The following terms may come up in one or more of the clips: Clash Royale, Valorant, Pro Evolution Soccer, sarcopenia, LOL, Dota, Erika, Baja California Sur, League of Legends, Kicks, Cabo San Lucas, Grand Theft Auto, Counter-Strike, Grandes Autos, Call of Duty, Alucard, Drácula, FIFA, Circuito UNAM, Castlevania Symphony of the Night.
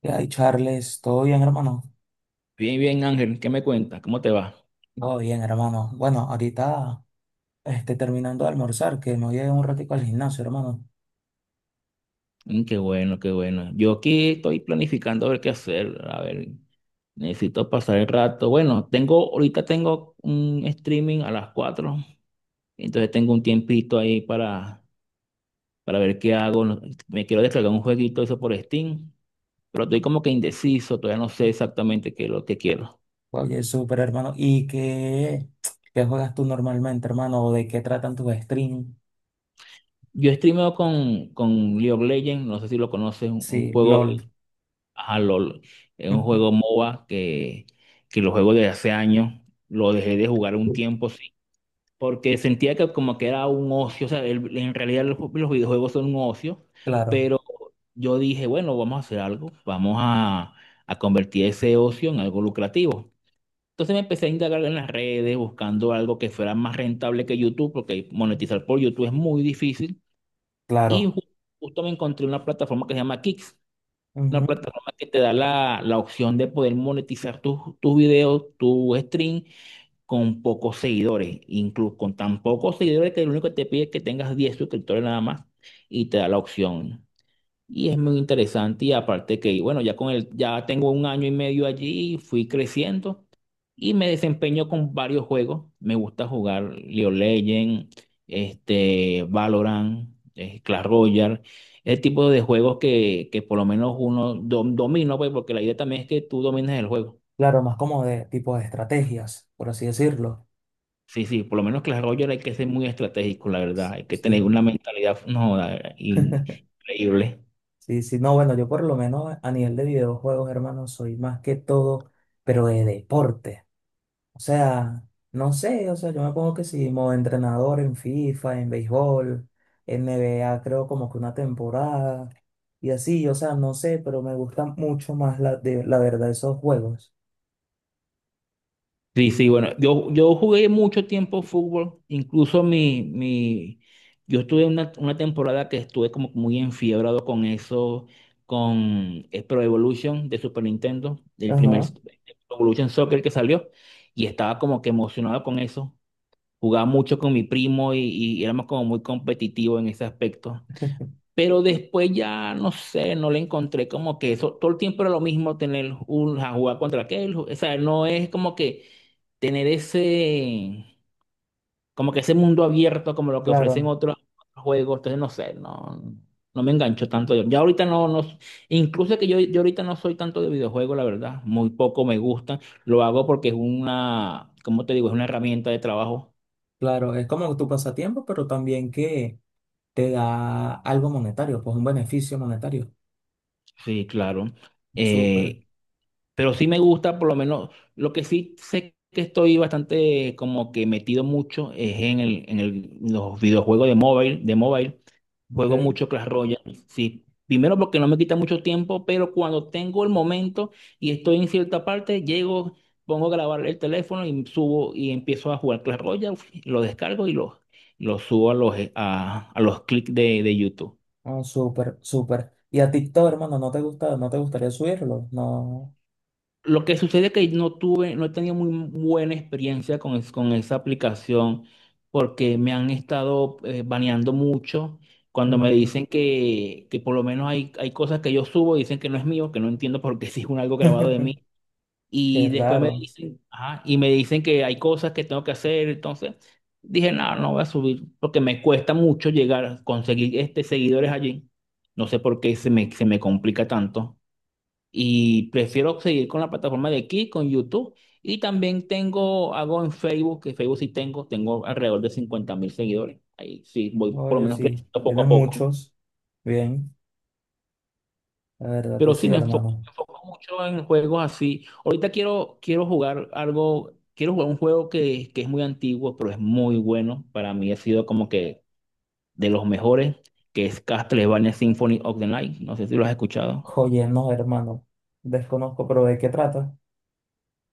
¿Qué hay, Charles? ¿Todo bien, hermano? Bien, bien, Ángel, ¿qué me cuentas? ¿Cómo te va? Todo bien, hermano. Bueno, ahorita terminando de almorzar, que me voy a ir un ratico al gimnasio, hermano. Qué bueno, qué bueno. Yo aquí estoy planificando a ver qué hacer. A ver, necesito pasar el rato. Bueno, ahorita tengo un streaming a las 4, entonces tengo un tiempito ahí para ver qué hago. Me quiero descargar un jueguito eso por Steam, pero estoy como que indeciso, todavía no sé exactamente qué es lo que quiero. Oye, súper, hermano. ¿Y qué juegas tú normalmente, hermano? ¿O de qué tratan tus streams? Yo streameo con League of Legends, no sé si lo conoces, un Sí, juego. LOL. Ajá, LOL. Es un juego MOBA que lo juego desde hace años. Lo dejé de jugar un tiempo, sí. Porque sentía que como que era un ocio. O sea, en realidad los videojuegos son un ocio. Claro, Pero yo dije, bueno, vamos a hacer algo. A convertir ese ocio en algo lucrativo. Entonces me empecé a indagar en las redes, buscando algo que fuera más rentable que YouTube, porque monetizar por YouTube es muy difícil. Y claro. Justo me encontré una plataforma que se llama Kicks, una Ujú. plataforma que te da la opción de poder monetizar tus videos, tu stream con pocos seguidores, incluso con tan pocos seguidores que lo único que te pide es que tengas 10 suscriptores nada más y te da la opción. Y es muy interesante y aparte que, bueno, ya tengo un año y medio allí, fui creciendo y me desempeño con varios juegos. Me gusta jugar League of Legends, este, Valorant, Clash Royale, el tipo de juegos que por lo menos domina, pues, porque la idea también es que tú domines el juego. Claro, más como de tipo de estrategias, por así decirlo. Sí, sí, por lo menos Clash Royale hay que ser muy estratégico, la verdad. Hay que tener Sí, una mentalidad, no, increíble. sí, sí. No, bueno, yo por lo menos a nivel de videojuegos, hermano, soy más que todo, pero de deporte. O sea, no sé, o sea, yo me pongo que sí, modo entrenador en FIFA, en béisbol, en NBA, creo como que una temporada y así, o sea, no sé, pero me gusta mucho más la verdad esos juegos. Sí, sí, bueno, yo jugué mucho tiempo fútbol, incluso yo estuve una temporada que estuve como muy enfiebrado con eso, con Pro Evolution de Super Nintendo, Ajá, Pro Evolution Soccer que salió, y estaba como que emocionado con eso, jugaba mucho con mi primo y éramos como muy competitivos en ese aspecto. Pero después ya, no sé, no le encontré como que eso, todo el tiempo era lo mismo tener a jugar contra aquel, o sea, no es como que tener ese, como que ese mundo abierto como lo que ofrecen claro. otros juegos, entonces no sé, no, no me engancho tanto yo. Ya ahorita no, no, incluso que yo ahorita no soy tanto de videojuegos, la verdad, muy poco me gustan, lo hago porque es una, ¿como te digo? Es una herramienta de trabajo, Claro, es como tu pasatiempo, pero también que te da algo monetario, pues un beneficio monetario. sí, claro. Súper, Eh, Pero sí me gusta, por lo menos, lo que sí sé que estoy bastante como que metido mucho es en los videojuegos de móvil, de mobile. Juego ok. mucho Clash Royale, sí. Primero porque no me quita mucho tiempo, pero cuando tengo el momento y estoy en cierta parte, llego, pongo a grabar el teléfono y subo y empiezo a jugar Clash Royale, lo descargo y lo subo a a los clics de YouTube. Oh, súper, súper. ¿Y a TikTok, hermano, no te gusta, no te gustaría subirlo? No. Lo que sucede es que no tuve, no he tenido muy buena experiencia con esa aplicación porque me han estado baneando mucho cuando me Mm. dicen que por lo menos hay cosas que yo subo, dicen que no es mío, que no entiendo por qué si es un algo grabado de mí. Qué Y después me raro. dicen, ajá, y me dicen que hay cosas que tengo que hacer. Entonces dije, no, no voy a subir porque me cuesta mucho llegar a conseguir este, seguidores allí. No sé por qué se me complica tanto. Y prefiero seguir con la plataforma de aquí, con YouTube. Y también hago en Facebook, que Facebook sí tengo alrededor de 50.000 seguidores. Ahí sí, voy por lo Oye, menos sí, creciendo poco tiene a poco. muchos. Bien, la verdad que Pero sí, sí hermano. me enfoco mucho en juegos así. Ahorita quiero, quiero jugar algo, quiero jugar un juego que es muy antiguo, pero es muy bueno. Para mí ha sido como que de los mejores, que es Castlevania Symphony of the Night. No sé si lo has escuchado. Oye, no, hermano. Desconozco, pero ¿de qué trata?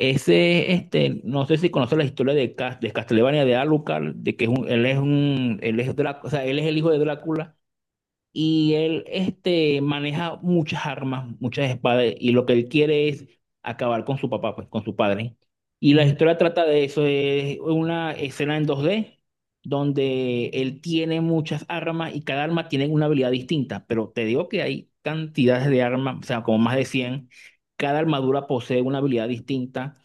Ese, no sé si conoces la historia de Castlevania de Alucard, de que es un, él es un, él es o sea, él es el hijo de Drácula y él maneja muchas armas, muchas espadas, y lo que él quiere es acabar con su papá, pues, con su padre. Y la Mm. historia trata de eso, es una escena en 2D donde él tiene muchas armas y cada arma tiene una habilidad distinta, pero te digo que hay cantidades de armas, o sea, como más de 100. Cada armadura posee una habilidad distinta.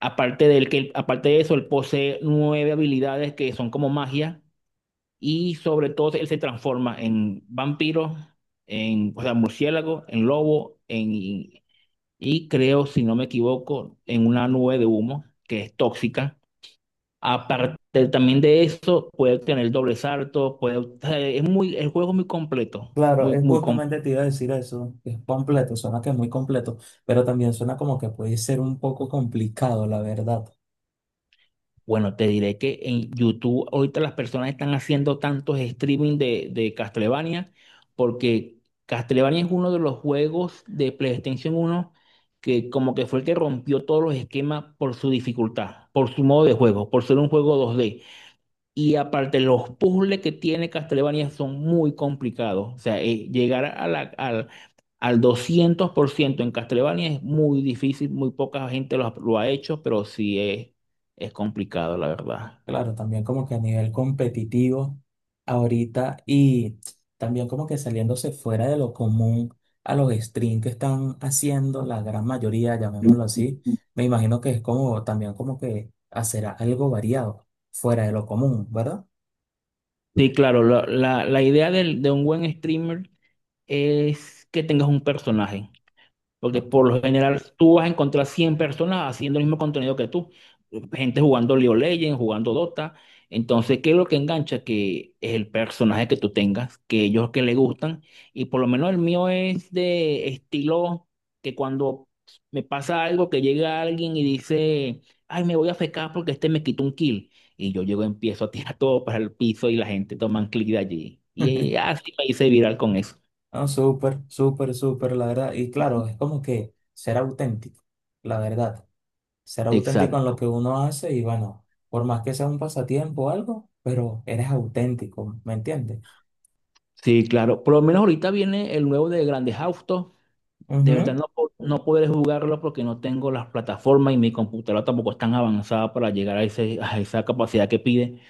Aparte de eso, él posee nueve habilidades que son como magia, y sobre todo él se transforma en vampiro, o sea, murciélago, en lobo, y creo, si no me equivoco, en una nube de humo que es tóxica. Aparte también de eso, puede tener doble salto, puede, o sea, el juego es muy completo, Claro, muy, es muy completo. justamente te iba a decir eso, que es completo, suena que es muy completo, pero también suena como que puede ser un poco complicado, la verdad. Bueno, te diré que en YouTube ahorita las personas están haciendo tantos streaming de Castlevania, porque Castlevania es uno de los juegos de PlayStation 1 que como que fue el que rompió todos los esquemas por su dificultad, por su modo de juego, por ser un juego 2D, y aparte, los puzzles que tiene Castlevania son muy complicados. O sea, llegar a al 200% en Castlevania es muy difícil, muy poca gente lo ha hecho, pero sí es complicado, la verdad. Claro, también como que a nivel competitivo ahorita y también como que saliéndose fuera de lo común a los streams que están haciendo, la gran mayoría, llamémoslo así, me imagino que es como también como que hacer algo variado, fuera de lo común, ¿verdad? Sí, claro, la idea de un buen streamer es que tengas un personaje. Porque Ok. por lo general tú vas a encontrar 100 personas haciendo el mismo contenido que tú. Gente jugando League of Legends, jugando Dota. Entonces, ¿qué es lo que engancha? Que es el personaje que tú tengas, que ellos que le gustan. Y por lo menos el mío es de estilo que cuando me pasa algo, que llega alguien y dice, ay, me voy a fecar porque este me quitó un kill. Y yo llego, empiezo a tirar todo para el piso y la gente toma un clic de allí. Y así me hice viral con eso. No, súper, súper, súper, la verdad. Y claro, es como que ser auténtico, la verdad. Ser auténtico en Exacto. lo que uno hace y bueno, por más que sea un pasatiempo o algo, pero eres auténtico, ¿me entiendes? Sí, claro. Por lo menos ahorita viene el nuevo de Grandes Autos. De Ujú. verdad no, no podré jugarlo porque no tengo las plataformas y mi computadora tampoco es tan avanzada para llegar a, ese, a esa capacidad que pide.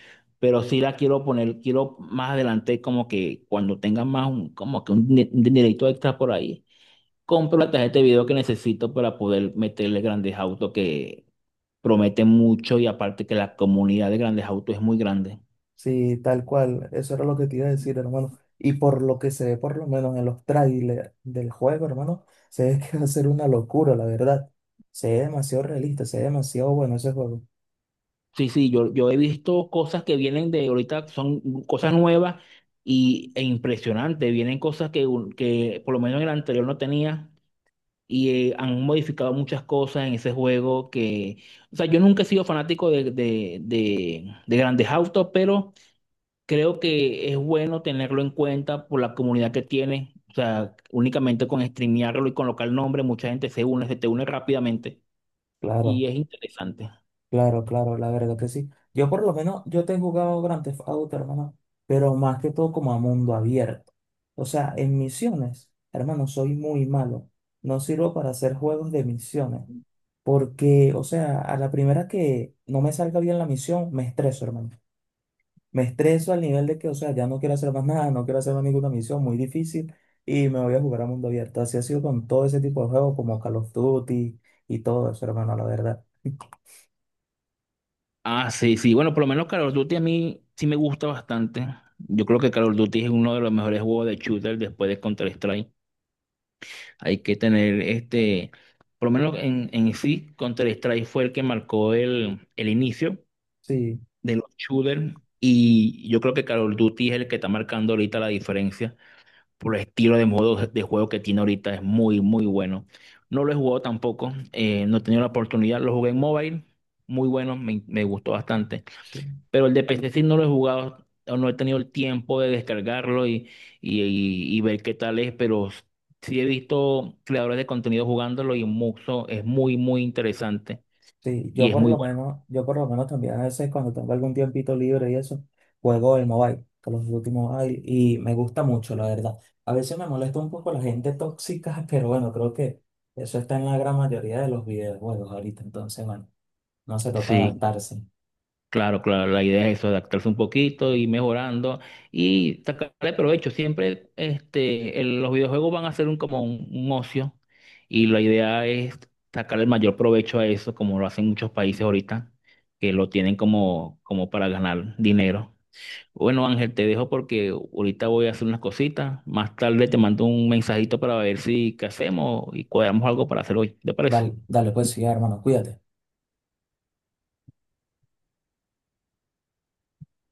Pero sí la quiero poner, quiero más adelante como que cuando tenga más un, como que un dinerito extra por ahí, compro la tarjeta de video que necesito para poder meterle Grandes Autos, que promete mucho y aparte que la comunidad de Grandes Autos es muy grande. Sí, tal cual. Eso era lo que te iba a decir, hermano. Y por lo que se ve, por lo menos en los trailers del juego, hermano, se ve que va a ser una locura, la verdad. Se ve demasiado realista, se ve demasiado bueno ese juego. Sí, sí, yo he visto cosas que vienen de ahorita, son cosas nuevas e impresionantes. Vienen cosas que, que por lo menos en el anterior no tenía, y han modificado muchas cosas en ese juego que, o sea, yo nunca he sido fanático de grandes autos, pero creo que es bueno tenerlo en cuenta por la comunidad que tiene. O sea, únicamente con streamearlo y colocar el nombre, mucha gente se une, se te une rápidamente, y Claro, es interesante. claro, claro, la verdad que sí. Yo por lo menos, yo te he jugado Grand Theft Auto, hermano, pero más que todo como a mundo abierto. O sea, en misiones, hermano, soy muy malo. No sirvo para hacer juegos de misiones. Porque, o sea, a la primera que no me salga bien la misión, me estreso, hermano. Me estreso al nivel de que, o sea, ya no quiero hacer más nada, no quiero hacer más ninguna misión muy difícil y me voy a jugar a mundo abierto. Así ha sido con todo ese tipo de juegos como Call of Duty y todo eso, hermano, la verdad. Ah, sí, sí. Bueno, por lo menos Call of Duty a mí sí me gusta bastante. Yo creo que Call of Duty es uno de los mejores juegos de shooter después de Counter-Strike. Hay que tener este, por lo menos en sí, Counter-Strike fue el que marcó el inicio Sí, de los shooters. Y yo creo que Call of Duty es el que está marcando ahorita la diferencia por el estilo de modo de juego que tiene ahorita. Es muy, muy bueno. No lo he jugado tampoco, no he tenido la oportunidad. Lo jugué en mobile, muy bueno, me gustó bastante, sí. pero el de PC sí no lo he jugado, o no he tenido el tiempo de descargarlo y ver qué tal es, pero sí he visto creadores de contenido jugándolo y mucho, es muy, muy interesante Sí, yo y es por muy lo bueno. menos, yo por lo menos también a veces cuando tengo algún tiempito libre y eso, juego el mobile, Call of Duty Mobile, y me gusta mucho, la verdad. A veces me molesta un poco la gente tóxica, pero bueno, creo que eso está en la gran mayoría de los videojuegos ahorita, entonces bueno, no se toca Sí, adaptarse. claro, claro, la idea es eso, adaptarse un poquito, ir mejorando y sacarle provecho. Siempre los videojuegos van a ser un ocio, y la idea es sacarle el mayor provecho a eso, como lo hacen muchos países ahorita que lo tienen como, como para ganar dinero. Bueno, Ángel, te dejo porque ahorita voy a hacer unas cositas. Más tarde te mando un mensajito para ver si qué hacemos y cuadramos algo para hacer hoy. ¿Te parece? Dale, dale pues sí, hermano, cuídate.